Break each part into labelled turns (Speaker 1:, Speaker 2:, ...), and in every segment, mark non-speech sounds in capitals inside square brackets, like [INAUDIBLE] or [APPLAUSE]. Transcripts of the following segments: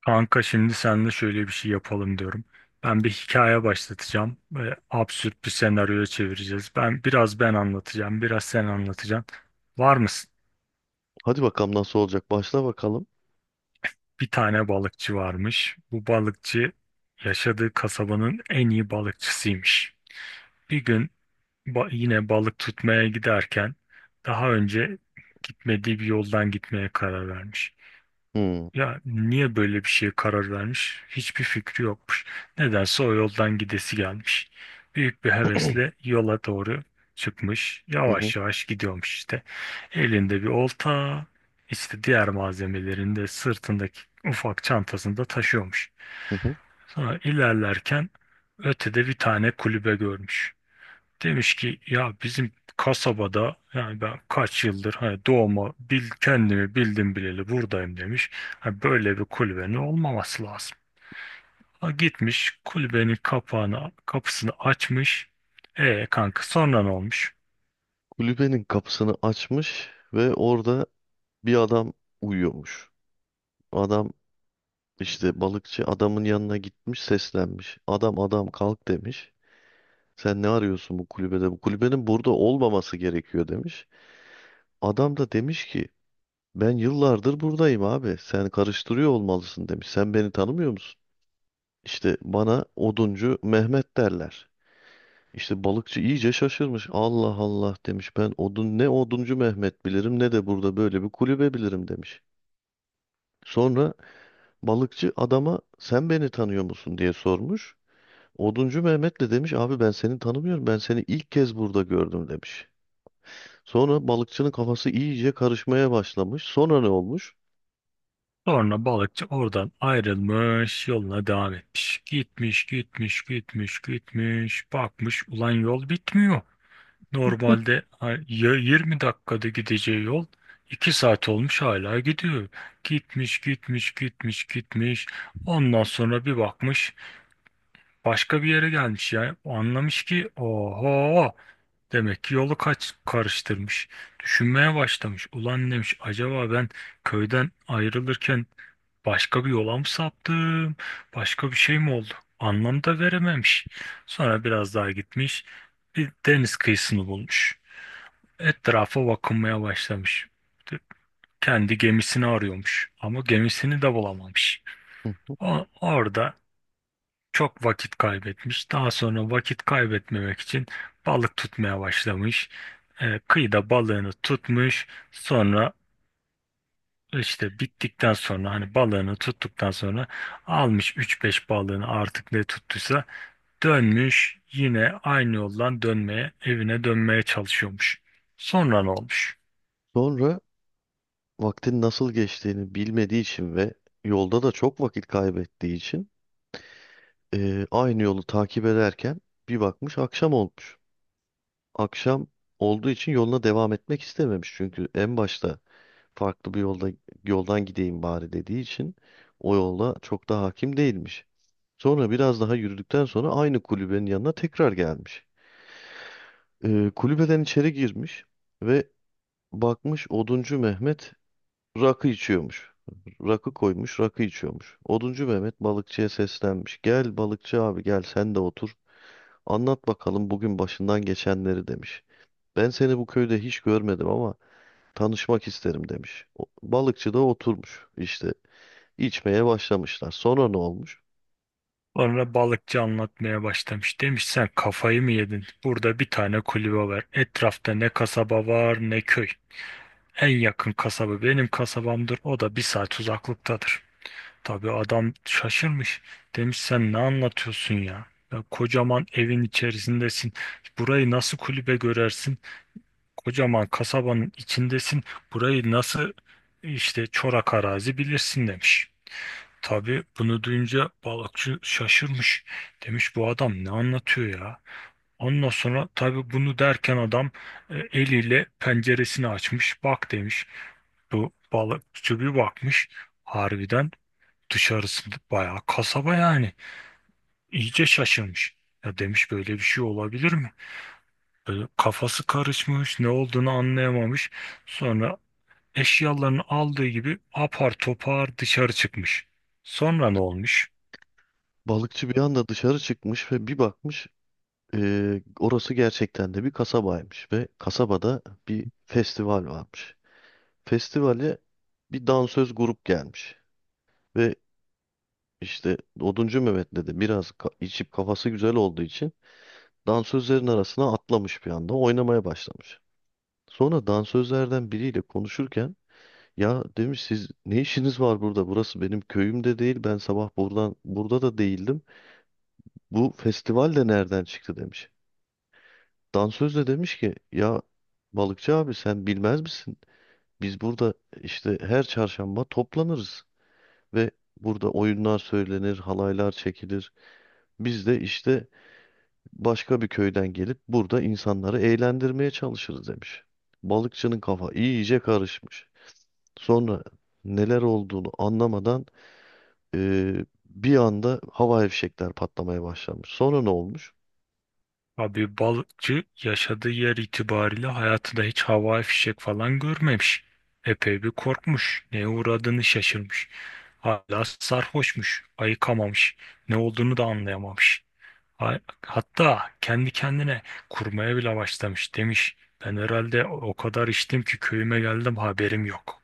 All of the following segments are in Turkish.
Speaker 1: Kanka şimdi seninle şöyle bir şey yapalım diyorum. Ben bir hikaye başlatacağım ve absürt bir senaryoya çevireceğiz. Ben biraz anlatacağım, biraz sen anlatacaksın. Var mısın?
Speaker 2: Hadi bakalım nasıl olacak. Başla bakalım.
Speaker 1: Bir tane balıkçı varmış. Bu balıkçı yaşadığı kasabanın en iyi balıkçısıymış. Bir gün yine balık tutmaya giderken daha önce gitmediği bir yoldan gitmeye karar vermiş.
Speaker 2: Hmm.
Speaker 1: Ya niye böyle bir şeye karar vermiş? Hiçbir fikri yokmuş. Nedense o yoldan gidesi gelmiş. Büyük bir
Speaker 2: [CLEARS THROAT]
Speaker 1: hevesle yola doğru çıkmış.
Speaker 2: Hı hı,
Speaker 1: Yavaş yavaş gidiyormuş işte. Elinde bir olta, işte diğer malzemelerini de sırtındaki ufak çantasında taşıyormuş.
Speaker 2: hı hı.
Speaker 1: Sonra ilerlerken ötede bir tane kulübe görmüş. Demiş ki ya bizim kasabada yani ben kaç yıldır hani kendimi bildim bileli buradayım demiş. Hani böyle bir kulübenin olmaması lazım. Ha, gitmiş kulübenin kapağını kapısını açmış. E kanka sonra ne olmuş?
Speaker 2: Kulübenin kapısını açmış ve orada bir adam uyuyormuş. Adam işte balıkçı adamın yanına gitmiş seslenmiş. Adam adam kalk demiş. Sen ne arıyorsun bu kulübede? Bu kulübenin burada olmaması gerekiyor demiş. Adam da demiş ki ben yıllardır buradayım abi. Sen karıştırıyor olmalısın demiş. Sen beni tanımıyor musun? İşte bana Oduncu Mehmet derler. İşte balıkçı iyice şaşırmış. Allah Allah demiş. Ben odun ne Oduncu Mehmet bilirim ne de burada böyle bir kulübe bilirim demiş. Sonra balıkçı adama sen beni tanıyor musun diye sormuş. Oduncu Mehmet de demiş abi ben seni tanımıyorum. Ben seni ilk kez burada gördüm demiş. Sonra balıkçının kafası iyice karışmaya başlamış. Sonra ne olmuş?
Speaker 1: Sonra balıkçı oradan ayrılmış yoluna devam etmiş. Gitmiş gitmiş gitmiş gitmiş bakmış ulan yol bitmiyor. Normalde ya 20 dakikada gideceği yol 2 saat olmuş hala gidiyor. Gitmiş gitmiş gitmiş gitmiş. Ondan sonra bir bakmış başka bir yere gelmiş ya. Anlamış ki oho demek ki yolu kaç karıştırmış. Düşünmeye başlamış. Ulan demiş acaba ben köyden ayrılırken başka bir yola mı saptım? Başka bir şey mi oldu? Anlam da verememiş. Sonra biraz daha gitmiş. Bir deniz kıyısını bulmuş. Etrafa bakınmaya başlamış. Kendi gemisini arıyormuş ama gemisini de bulamamış.
Speaker 2: Hı hı.
Speaker 1: Orada çok vakit kaybetmiş. Daha sonra vakit kaybetmemek için balık tutmaya başlamış. Kıyıda balığını tutmuş. Sonra işte bittikten sonra hani balığını tuttuktan sonra almış üç beş balığını artık ne tuttuysa dönmüş. Yine aynı yoldan dönmeye, evine dönmeye çalışıyormuş. Sonra ne olmuş?
Speaker 2: Sonra vaktin nasıl geçtiğini bilmediği için ve yolda da çok vakit kaybettiği için aynı yolu takip ederken bir bakmış akşam olmuş. Akşam olduğu için yoluna devam etmek istememiş. Çünkü en başta farklı bir yolda yoldan gideyim bari dediği için o yola çok da hakim değilmiş. Sonra biraz daha yürüdükten sonra aynı kulübenin yanına tekrar gelmiş. Kulübeden içeri girmiş ve bakmış Oduncu Mehmet rakı içiyormuş. Rakı koymuş, rakı içiyormuş. Oduncu Mehmet balıkçıya seslenmiş. Gel balıkçı abi gel sen de otur. Anlat bakalım bugün başından geçenleri demiş. Ben seni bu köyde hiç görmedim ama tanışmak isterim demiş. Balıkçı da oturmuş işte içmeye başlamışlar. Sonra ne olmuş?
Speaker 1: Sonra balıkçı anlatmaya başlamış. Demiş sen kafayı mı yedin? Burada bir tane kulübe var. Etrafta ne kasaba var ne köy. En yakın kasaba benim kasabamdır. O da bir saat uzaklıktadır. Tabii adam şaşırmış. Demiş sen ne anlatıyorsun ya? Ya kocaman evin içerisindesin. Burayı nasıl kulübe görersin? Kocaman kasabanın içindesin. Burayı nasıl işte çorak arazi bilirsin demiş. Tabii bunu duyunca balıkçı şaşırmış. Demiş bu adam ne anlatıyor ya? Ondan sonra tabii bunu derken adam eliyle penceresini açmış. Bak demiş. Bu balıkçı bir bakmış. Harbiden dışarısı bayağı kasaba yani. İyice şaşırmış. Ya demiş böyle bir şey olabilir mi? Böyle kafası karışmış, ne olduğunu anlayamamış. Sonra eşyalarını aldığı gibi apar topar dışarı çıkmış. Sonra ne olmuş?
Speaker 2: Balıkçı bir anda dışarı çıkmış ve bir bakmış orası gerçekten de bir kasabaymış ve kasabada bir festival varmış. Festivale bir dansöz grup gelmiş ve işte Oduncu Mehmet de biraz içip kafası güzel olduğu için dansözlerin arasına atlamış bir anda oynamaya başlamış. Sonra dansözlerden biriyle konuşurken ya demiş siz ne işiniz var burada? Burası benim köyüm de değil. Ben sabah buradan burada da değildim. Bu festival de nereden çıktı demiş. Dansöz de demiş ki ya balıkçı abi sen bilmez misin? Biz burada işte her çarşamba toplanırız ve burada oyunlar söylenir, halaylar çekilir. Biz de işte başka bir köyden gelip burada insanları eğlendirmeye çalışırız demiş. Balıkçının kafa iyice karışmış. Sonra neler olduğunu anlamadan bir anda hava fişekler patlamaya başlamış. Sonra ne olmuş?
Speaker 1: Abi balıkçı yaşadığı yer itibariyle hayatında hiç havai fişek falan görmemiş. Epey bir korkmuş. Neye uğradığını şaşırmış. Hala sarhoşmuş. Ayıkamamış. Ne olduğunu da anlayamamış. Ha- Hatta kendi kendine kurmaya bile başlamış. Demiş ben herhalde o kadar içtim ki köyüme geldim haberim yok.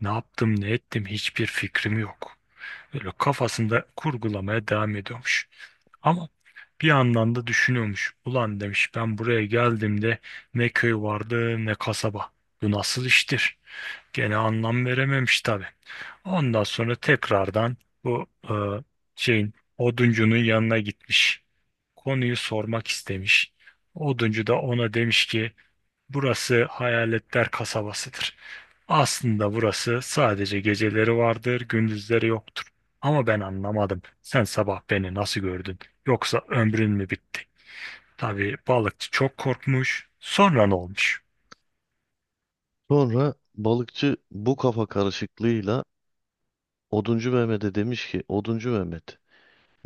Speaker 1: Ne yaptım ne ettim hiçbir fikrim yok. Böyle kafasında kurgulamaya devam ediyormuş. Ama bir yandan da düşünüyormuş. Ulan demiş ben buraya geldiğimde ne köy vardı ne kasaba. Bu nasıl iştir? Gene anlam verememiş tabii. Ondan sonra tekrardan bu e, şeyin oduncunun yanına gitmiş. Konuyu sormak istemiş. Oduncu da ona demiş ki burası hayaletler kasabasıdır. Aslında burası sadece geceleri vardır, gündüzleri yoktur. Ama ben anlamadım. Sen sabah beni nasıl gördün? Yoksa ömrün mü bitti? Tabii balıkçı çok korkmuş. Sonra ne olmuş?
Speaker 2: Sonra balıkçı bu kafa karışıklığıyla Oduncu Mehmet'e demiş ki Oduncu Mehmet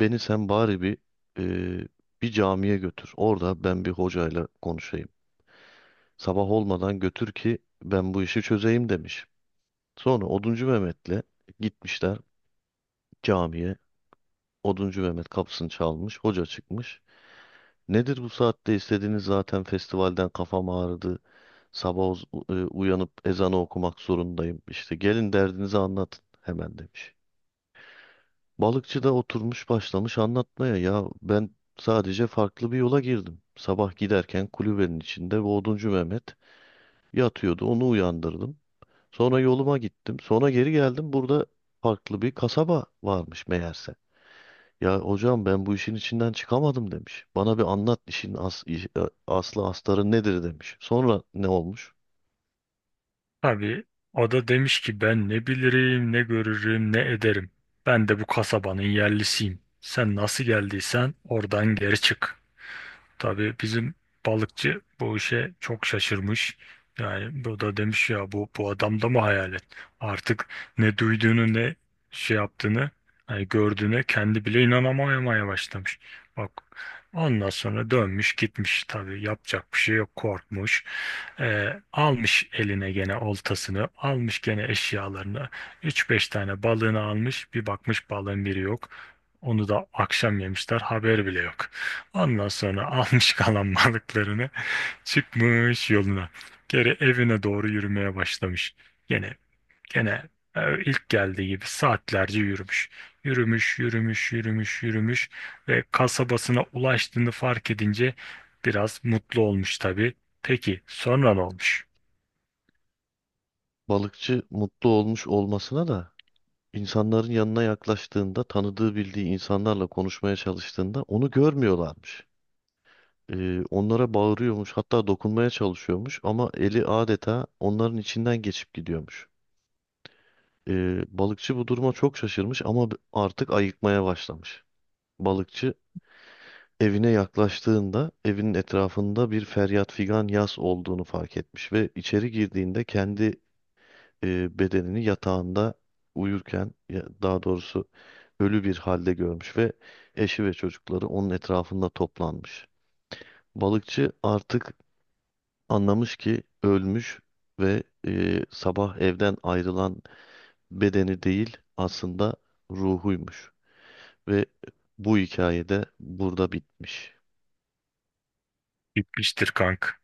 Speaker 2: beni sen bari e, bir camiye götür. Orada ben bir hocayla konuşayım. Sabah olmadan götür ki ben bu işi çözeyim demiş. Sonra Oduncu Mehmet'le gitmişler camiye. Oduncu Mehmet kapısını çalmış, hoca çıkmış. Nedir bu saatte istediğiniz zaten festivalden kafam ağrıdı. Sabah uyanıp ezanı okumak zorundayım. İşte gelin derdinizi anlatın hemen demiş. Balıkçı da oturmuş başlamış anlatmaya. Ya ben sadece farklı bir yola girdim. Sabah giderken kulübenin içinde bu Oduncu Mehmet yatıyordu. Onu uyandırdım. Sonra yoluma gittim. Sonra geri geldim. Burada farklı bir kasaba varmış meğerse. Ya hocam ben bu işin içinden çıkamadım demiş. Bana bir anlat işin as, iş- e, aslı astarı nedir demiş. Sonra ne olmuş?
Speaker 1: Tabii o da demiş ki ben ne bilirim, ne görürüm, ne ederim. Ben de bu kasabanın yerlisiyim. Sen nasıl geldiysen oradan geri çık. Tabii bizim balıkçı bu işe çok şaşırmış. Yani bu da demiş ya bu adamda mı hayalet? Artık ne duyduğunu ne şey yaptığını hani gördüğüne kendi bile inanamamaya başlamış. Bak ondan sonra dönmüş gitmiş tabii yapacak bir şey yok korkmuş. Almış eline gene oltasını almış gene eşyalarını üç beş tane balığını almış bir bakmış balığın biri yok. Onu da akşam yemişler haber bile yok. Ondan sonra [LAUGHS] almış kalan balıklarını çıkmış yoluna. Geri evine doğru yürümeye başlamış. Gene gene ilk geldiği gibi saatlerce yürümüş. Yürümüş, yürümüş, yürümüş, yürümüş ve kasabasına ulaştığını fark edince biraz mutlu olmuş tabii. Peki sonra ne olmuş?
Speaker 2: Balıkçı mutlu olmuş olmasına da insanların yanına yaklaştığında tanıdığı bildiği insanlarla konuşmaya çalıştığında onu görmüyorlarmış. Onlara bağırıyormuş hatta dokunmaya çalışıyormuş ama eli adeta onların içinden geçip gidiyormuş. Balıkçı bu duruma çok şaşırmış ama artık ayıkmaya başlamış. Balıkçı evine yaklaştığında evinin etrafında bir feryat figan yas olduğunu fark etmiş ve içeri girdiğinde kendi bedenini yatağında daha doğrusu ölü bir halde görmüş ve eşi ve çocukları onun etrafında toplanmış. Balıkçı artık anlamış ki ölmüş ve sabah evden ayrılan bedeni değil aslında ruhuymuş ve bu hikayede burada bitmiş.
Speaker 1: Bitmiştir kank.